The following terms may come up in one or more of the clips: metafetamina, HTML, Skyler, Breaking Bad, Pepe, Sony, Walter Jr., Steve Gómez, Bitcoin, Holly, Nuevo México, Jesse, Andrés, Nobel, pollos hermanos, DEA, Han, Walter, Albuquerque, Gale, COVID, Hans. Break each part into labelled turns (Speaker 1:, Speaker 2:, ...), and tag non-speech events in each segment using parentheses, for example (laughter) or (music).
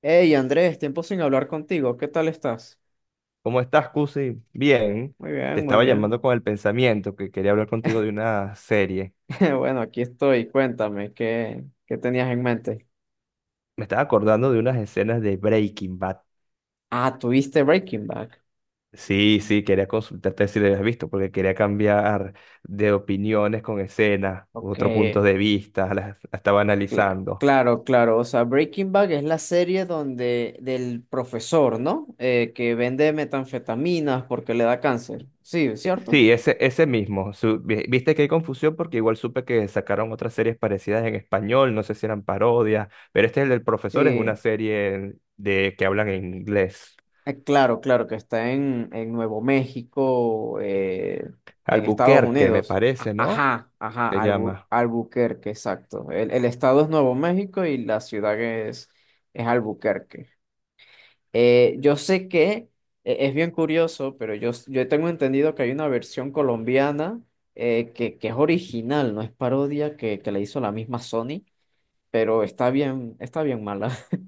Speaker 1: Hey Andrés, tiempo sin hablar contigo, ¿qué tal estás?
Speaker 2: ¿Cómo estás, Cusi? Bien,
Speaker 1: Muy
Speaker 2: te
Speaker 1: bien, muy
Speaker 2: estaba
Speaker 1: bien.
Speaker 2: llamando con el pensamiento que quería hablar contigo de una serie.
Speaker 1: (laughs) Bueno, aquí estoy, cuéntame, ¿qué tenías en mente?
Speaker 2: Me estaba acordando de unas escenas de Breaking Bad.
Speaker 1: Ah, ¿tuviste Breaking Bad?
Speaker 2: Sí, sí, quería consultarte si la habías visto, porque quería cambiar de opiniones con escenas,
Speaker 1: Ok,
Speaker 2: otro punto de vista, la estaba analizando.
Speaker 1: claro, claro, o sea, Breaking Bad es la serie donde del profesor, ¿no? Que vende metanfetaminas porque le da cáncer, sí,
Speaker 2: Eh,
Speaker 1: ¿cierto?
Speaker 2: Sí, ese mismo. Viste que hay confusión porque igual supe que sacaron otras series parecidas en español, no sé si eran parodias, pero este es el del profesor, es una
Speaker 1: Sí.
Speaker 2: serie de que hablan en inglés.
Speaker 1: Claro, claro, que está en Nuevo México, en Estados
Speaker 2: Albuquerque, me
Speaker 1: Unidos.
Speaker 2: parece, ¿no?
Speaker 1: Ajá, ajá,
Speaker 2: Se llama.
Speaker 1: Albuquerque, exacto. El estado es Nuevo México y la ciudad es Albuquerque. Yo sé que es bien curioso, pero yo, yo tengo entendido que hay una versión colombiana que es original, no es parodia que le hizo la misma Sony, pero está bien mala. (laughs)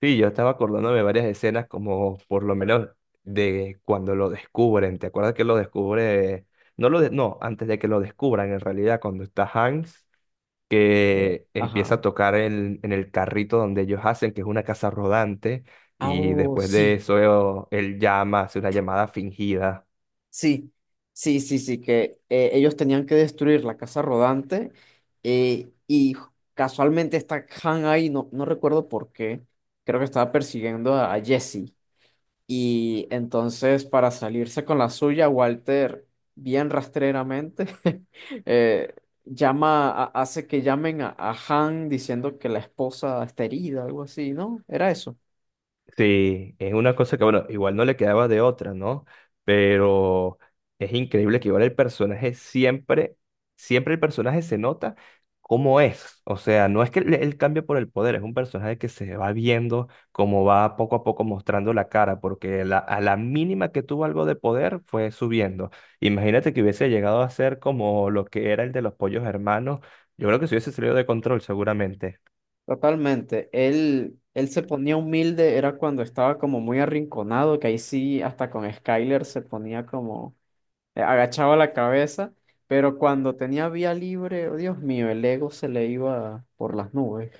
Speaker 2: Sí, yo estaba acordándome de varias escenas, como por lo menos de cuando lo descubren. ¿Te acuerdas que lo descubre? No, no, antes de que lo descubran, en realidad, cuando está Hans,
Speaker 1: Eh,
Speaker 2: que empieza
Speaker 1: Ajá.
Speaker 2: a tocar en el carrito donde ellos hacen, que es una casa rodante,
Speaker 1: Ah,
Speaker 2: y
Speaker 1: oh,
Speaker 2: después de
Speaker 1: sí.
Speaker 2: eso, él llama, hace una llamada fingida.
Speaker 1: Sí, sí, sí, sí, que ellos tenían que destruir la casa rodante y casualmente está Han ahí, no, no recuerdo por qué, creo que estaba persiguiendo a Jesse y entonces para salirse con la suya, Walter, bien rastreramente, (laughs) eh, llama, hace que llamen a Han diciendo que la esposa está herida, algo así, ¿no? Era eso.
Speaker 2: Sí, es una cosa que, bueno, igual no le quedaba de otra, ¿no? Pero es increíble que igual el personaje siempre, siempre el personaje se nota cómo es. O sea, no es que le- él cambie por el poder, es un personaje que se va viendo como va poco a poco mostrando la cara, porque a la mínima que tuvo algo de poder fue subiendo. Imagínate que hubiese llegado a ser como lo que era el de los pollos hermanos. Yo creo que se hubiese salido de control seguramente.
Speaker 1: Totalmente. Él se ponía humilde, era cuando estaba como muy arrinconado, que ahí sí, hasta con Skyler se ponía como, agachaba la cabeza, pero cuando tenía vía libre, oh, Dios mío, el ego se le iba por las nubes.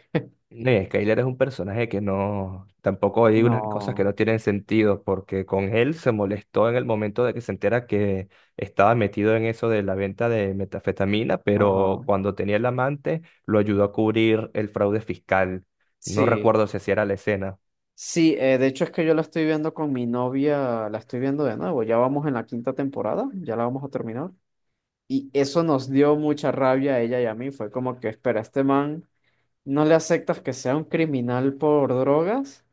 Speaker 2: No, y Skyler es un personaje que no, tampoco hay unas cosas que
Speaker 1: No,
Speaker 2: no tienen sentido, porque con él se molestó en el momento de que se entera que estaba metido en eso de la venta de metafetamina, pero
Speaker 1: ajá.
Speaker 2: cuando tenía el amante lo ayudó a cubrir el fraude fiscal. No
Speaker 1: Sí,
Speaker 2: recuerdo si así era la escena.
Speaker 1: sí, de hecho es que yo la estoy viendo con mi novia, la estoy viendo de nuevo, ya vamos en la quinta temporada, ya la vamos a terminar. Y eso nos dio mucha rabia a ella y a mí, fue como que, espera, este man. No le aceptas que sea un criminal por drogas,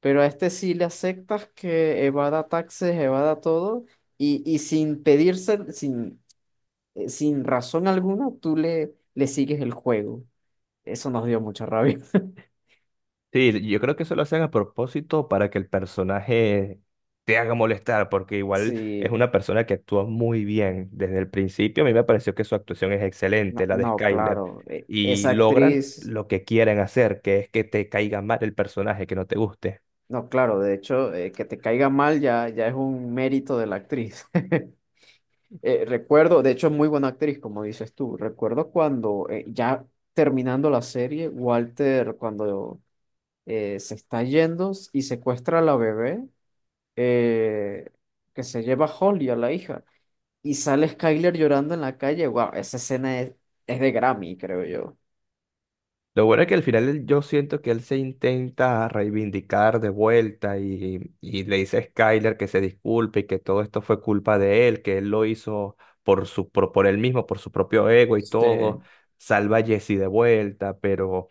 Speaker 1: pero a este sí le aceptas que evada taxes, evada todo, y sin pedirse, sin, sin razón alguna, tú le, le sigues el juego. Eso nos dio mucha rabia. (laughs)
Speaker 2: Sí, yo creo que eso lo hacen a propósito para que el personaje te haga molestar, porque igual es
Speaker 1: Sí,
Speaker 2: una persona que actúa muy bien desde el principio. A mí me pareció que su actuación es excelente,
Speaker 1: no,
Speaker 2: la de
Speaker 1: no,
Speaker 2: Skyler,
Speaker 1: claro,
Speaker 2: y
Speaker 1: esa
Speaker 2: logran
Speaker 1: actriz,
Speaker 2: lo que quieren hacer, que es que te caiga mal el personaje, que no te guste.
Speaker 1: no, claro, de hecho, que te caiga mal ya, ya es un mérito de la actriz. (laughs) Recuerdo, de hecho, es muy buena actriz, como dices tú. Recuerdo cuando ya terminando la serie, Walter, cuando se está yendo y secuestra a la bebé, eh, que se lleva a Holly, a la hija, y sale Skyler llorando en la calle. Wow, esa escena es de Grammy, creo yo.
Speaker 2: Lo bueno es que al final yo siento que él se intenta reivindicar de vuelta y le dice a Skyler que se disculpe y que todo esto fue culpa de él, que él lo hizo por su, él mismo, por su propio ego y todo.
Speaker 1: Sí.
Speaker 2: Salva a Jesse de vuelta, pero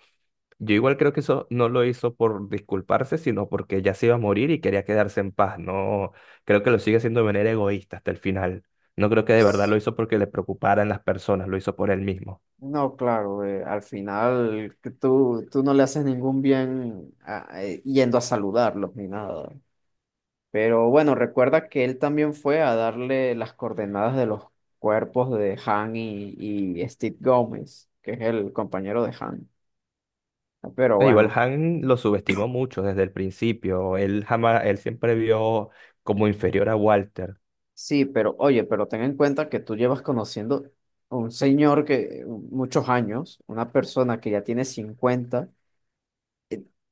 Speaker 2: yo igual creo que eso no lo hizo por disculparse, sino porque ya se iba a morir y quería quedarse en paz. No, creo que lo sigue haciendo de manera egoísta hasta el final. No creo que de verdad lo hizo porque le preocuparan las personas, lo hizo por él mismo.
Speaker 1: No, claro, al final que tú no le haces ningún bien yendo a saludarlos ni nada. Pero bueno, recuerda que él también fue a darle las coordenadas de los cuerpos de Han y Steve Gómez, que es el compañero de Han. Pero
Speaker 2: Igual
Speaker 1: bueno,
Speaker 2: Han lo subestimó mucho desde el principio. Él jamás, él siempre vio como inferior a Walter.
Speaker 1: sí, pero oye, pero ten en cuenta que tú llevas conociendo a un señor que muchos años, una persona que ya tiene cincuenta.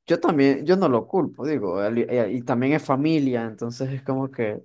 Speaker 1: Yo también, yo no lo culpo, digo, y también es familia, entonces es como que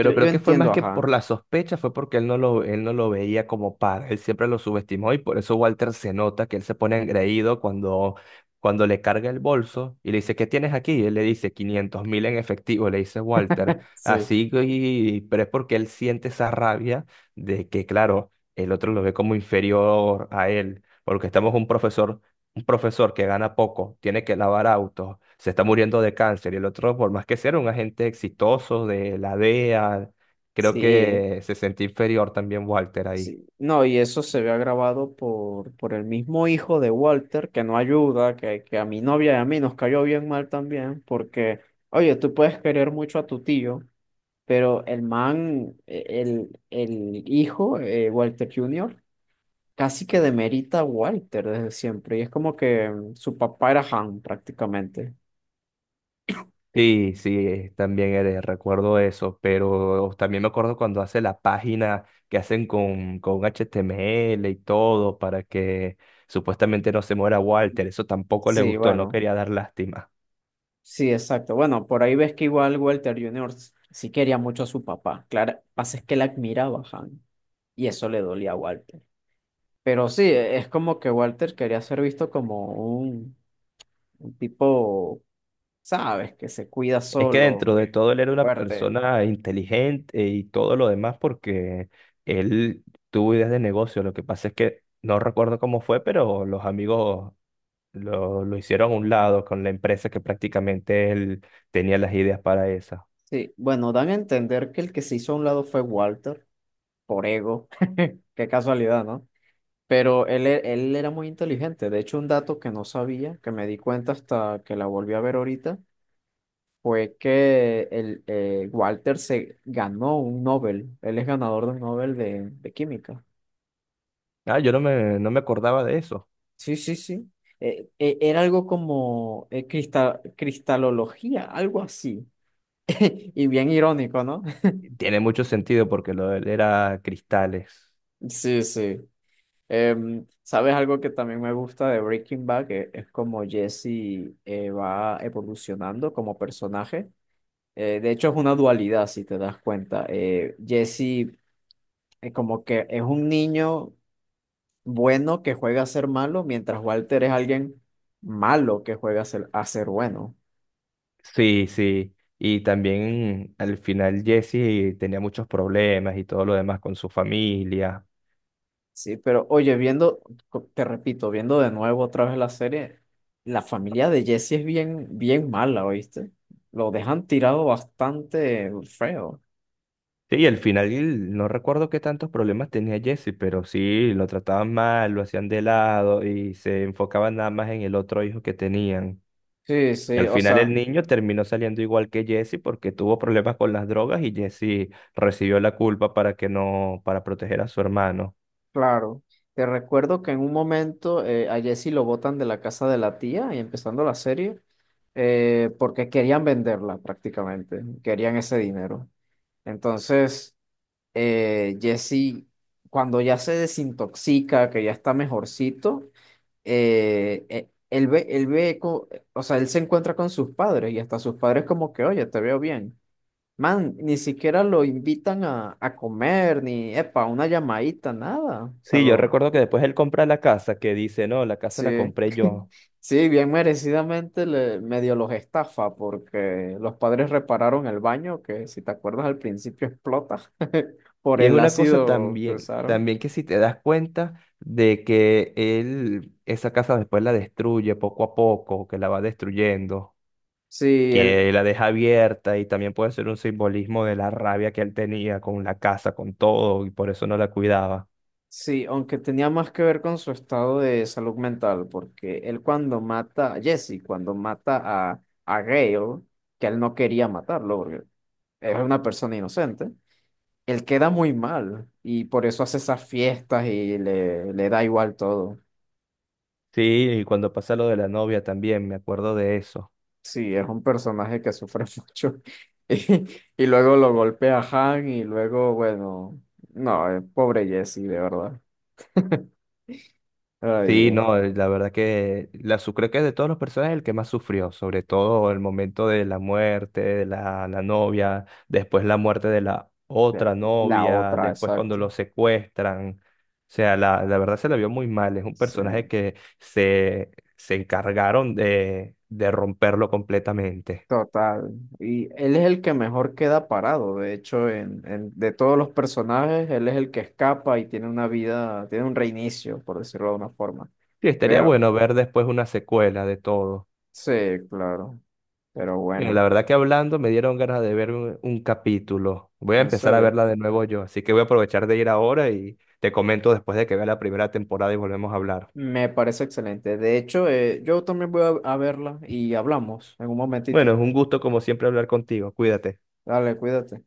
Speaker 1: yo, yo
Speaker 2: creo que fue más
Speaker 1: entiendo a
Speaker 2: que por
Speaker 1: Han.
Speaker 2: la sospecha, fue porque él no lo veía como par. Él siempre lo subestimó y por eso Walter se nota que él se pone engreído cuando, cuando le carga el bolso y le dice, ¿qué tienes aquí? Y él le dice 500 mil en efectivo, le dice Walter.
Speaker 1: Sí,
Speaker 2: Así, y, pero es porque él siente esa rabia de que, claro, el otro lo ve como inferior a él. Porque estamos un profesor que gana poco, tiene que lavar autos, se está muriendo de cáncer y el otro, por más que sea, un agente exitoso de la DEA, creo
Speaker 1: sí.
Speaker 2: que se sentía inferior también Walter ahí.
Speaker 1: Sí, no, y eso se ve agravado por el mismo hijo de Walter, que no ayuda, que a mi novia y a mí nos cayó bien mal también, porque, oye, tú puedes querer mucho a tu tío, pero el man, el hijo, Walter Jr., casi que demerita a Walter desde siempre, y es como que mm, su papá era Han prácticamente.
Speaker 2: Sí, sí, también eres, recuerdo eso, pero también me acuerdo cuando hace la página que hacen con, HTML y todo para que supuestamente no se muera Walter, eso tampoco le
Speaker 1: Sí,
Speaker 2: gustó, no
Speaker 1: bueno,
Speaker 2: quería dar lástima.
Speaker 1: sí, exacto. Bueno, por ahí ves que igual Walter Jr. sí quería mucho a su papá, claro, pasa es que él admiraba a Han, y eso le dolía a Walter. Pero sí, e, es como que Walter quería ser visto como un, un tipo, ¿sabes? Que se cuida
Speaker 2: Es que
Speaker 1: solo,
Speaker 2: dentro de
Speaker 1: que
Speaker 2: todo él era una
Speaker 1: fuerte.
Speaker 2: persona inteligente y todo lo demás porque él tuvo ideas de negocio. Lo que pasa es que no recuerdo cómo fue, pero los amigos lo hicieron a un lado con la empresa que prácticamente él tenía las ideas para esa.
Speaker 1: Sí, bueno, dan a entender que el que se hizo a un lado fue Walter, por ego. (laughs) Qué casualidad, ¿no? Pero él, él era muy inteligente. De hecho, un dato que no sabía, que me di cuenta hasta que la volví a ver ahorita, fue que el, Walter se ganó un Nobel. Él es ganador de un Nobel de química.
Speaker 2: Ah, yo no me acordaba de eso.
Speaker 1: Sí, sí, sí. Era algo como cristalología, algo así. (laughs) Y bien irónico, ¿no?
Speaker 2: Tiene mucho sentido porque lo de él era cristales.
Speaker 1: (laughs) Sí, sí. ¿Sabes algo que también me gusta de Breaking Bad? Que es como Jesse va evolucionando como personaje. De hecho, es una dualidad, si te das cuenta. Jesse como que es un niño bueno que juega a ser malo, mientras Walter es alguien malo que juega a ser bueno.
Speaker 2: Sí, sí. Y también al final Jesse tenía muchos problemas y todo lo demás con su familia.
Speaker 1: Sí, pero oye, viendo, te repito, viendo de nuevo otra vez la serie, la familia de Jesse es bien, bien mala, ¿oíste? Lo dejan tirado bastante feo.
Speaker 2: Sí, y al final no recuerdo qué tantos problemas tenía Jesse, pero sí, lo trataban mal, lo hacían de lado y se enfocaban nada más en el otro hijo que tenían.
Speaker 1: Sí,
Speaker 2: Y
Speaker 1: sí,
Speaker 2: al
Speaker 1: o
Speaker 2: final el
Speaker 1: sea,
Speaker 2: niño terminó saliendo igual que Jesse porque tuvo problemas con las drogas y Jesse recibió la culpa para que no, para proteger a su hermano.
Speaker 1: claro. Te recuerdo que en un momento a Jesse lo botan de la casa de la tía y empezando la serie, porque querían venderla prácticamente, querían ese dinero. Entonces, Jesse, cuando ya se desintoxica, que ya está mejorcito, él ve, o sea, él se encuentra con sus padres y hasta sus padres como que, oye, te veo bien. Man, ni siquiera lo invitan a comer, ni, epa, una llamadita, nada. O sea,
Speaker 2: Sí, yo
Speaker 1: lo,
Speaker 2: recuerdo que después él compra la casa, que dice, no, la casa la
Speaker 1: sí,
Speaker 2: compré yo.
Speaker 1: sí, bien merecidamente le, medio los estafa porque los padres repararon el baño, que si te acuerdas al principio explota (laughs) por
Speaker 2: Y es
Speaker 1: el
Speaker 2: una cosa
Speaker 1: ácido que
Speaker 2: también,
Speaker 1: usaron.
Speaker 2: también que si te das cuenta de que él, esa casa después la destruye poco a poco, que la va destruyendo,
Speaker 1: Sí, él.
Speaker 2: que la deja abierta y también puede ser un simbolismo de la rabia que él tenía con la casa, con todo, y por eso no la cuidaba.
Speaker 1: Sí, aunque tenía más que ver con su estado de salud mental, porque él cuando mata a Jesse, cuando mata a Gale, que él no quería matarlo, porque es una persona inocente, él queda muy mal y por eso hace esas fiestas y le da igual todo.
Speaker 2: Sí, y cuando pasa lo de la novia también, me acuerdo de eso.
Speaker 1: Sí, es un personaje que sufre (laughs) mucho y, y luego lo golpea a Han y luego, bueno, no, pobre Jesse, de verdad. Ay,
Speaker 2: Sí,
Speaker 1: Dios.
Speaker 2: no, la verdad que creo que de todos los personajes el que más sufrió, sobre todo el momento de la muerte de la novia, después la muerte de la
Speaker 1: De-
Speaker 2: otra
Speaker 1: La
Speaker 2: novia,
Speaker 1: otra,
Speaker 2: después cuando
Speaker 1: exacto.
Speaker 2: lo secuestran. O sea, la verdad se la vio muy mal. Es un personaje
Speaker 1: Sí.
Speaker 2: que se encargaron de romperlo completamente.
Speaker 1: Total. Y él es el que mejor queda parado. De hecho, en, de todos los personajes, él es el que escapa y tiene una vida, tiene un reinicio, por decirlo de una forma.
Speaker 2: Sí, estaría
Speaker 1: Pero,
Speaker 2: bueno ver después una secuela de todo.
Speaker 1: sí, claro. Pero
Speaker 2: Mira, la
Speaker 1: bueno,
Speaker 2: verdad que hablando me dieron ganas de ver un capítulo. Voy a
Speaker 1: en
Speaker 2: empezar a
Speaker 1: serio.
Speaker 2: verla de nuevo yo, así que voy a aprovechar de ir ahora y te comento después de que vea la primera temporada y volvemos a hablar.
Speaker 1: Me parece excelente. De hecho, yo también voy a verla y hablamos en un
Speaker 2: Bueno,
Speaker 1: momentito.
Speaker 2: es un gusto como siempre hablar contigo. Cuídate.
Speaker 1: Dale, cuídate.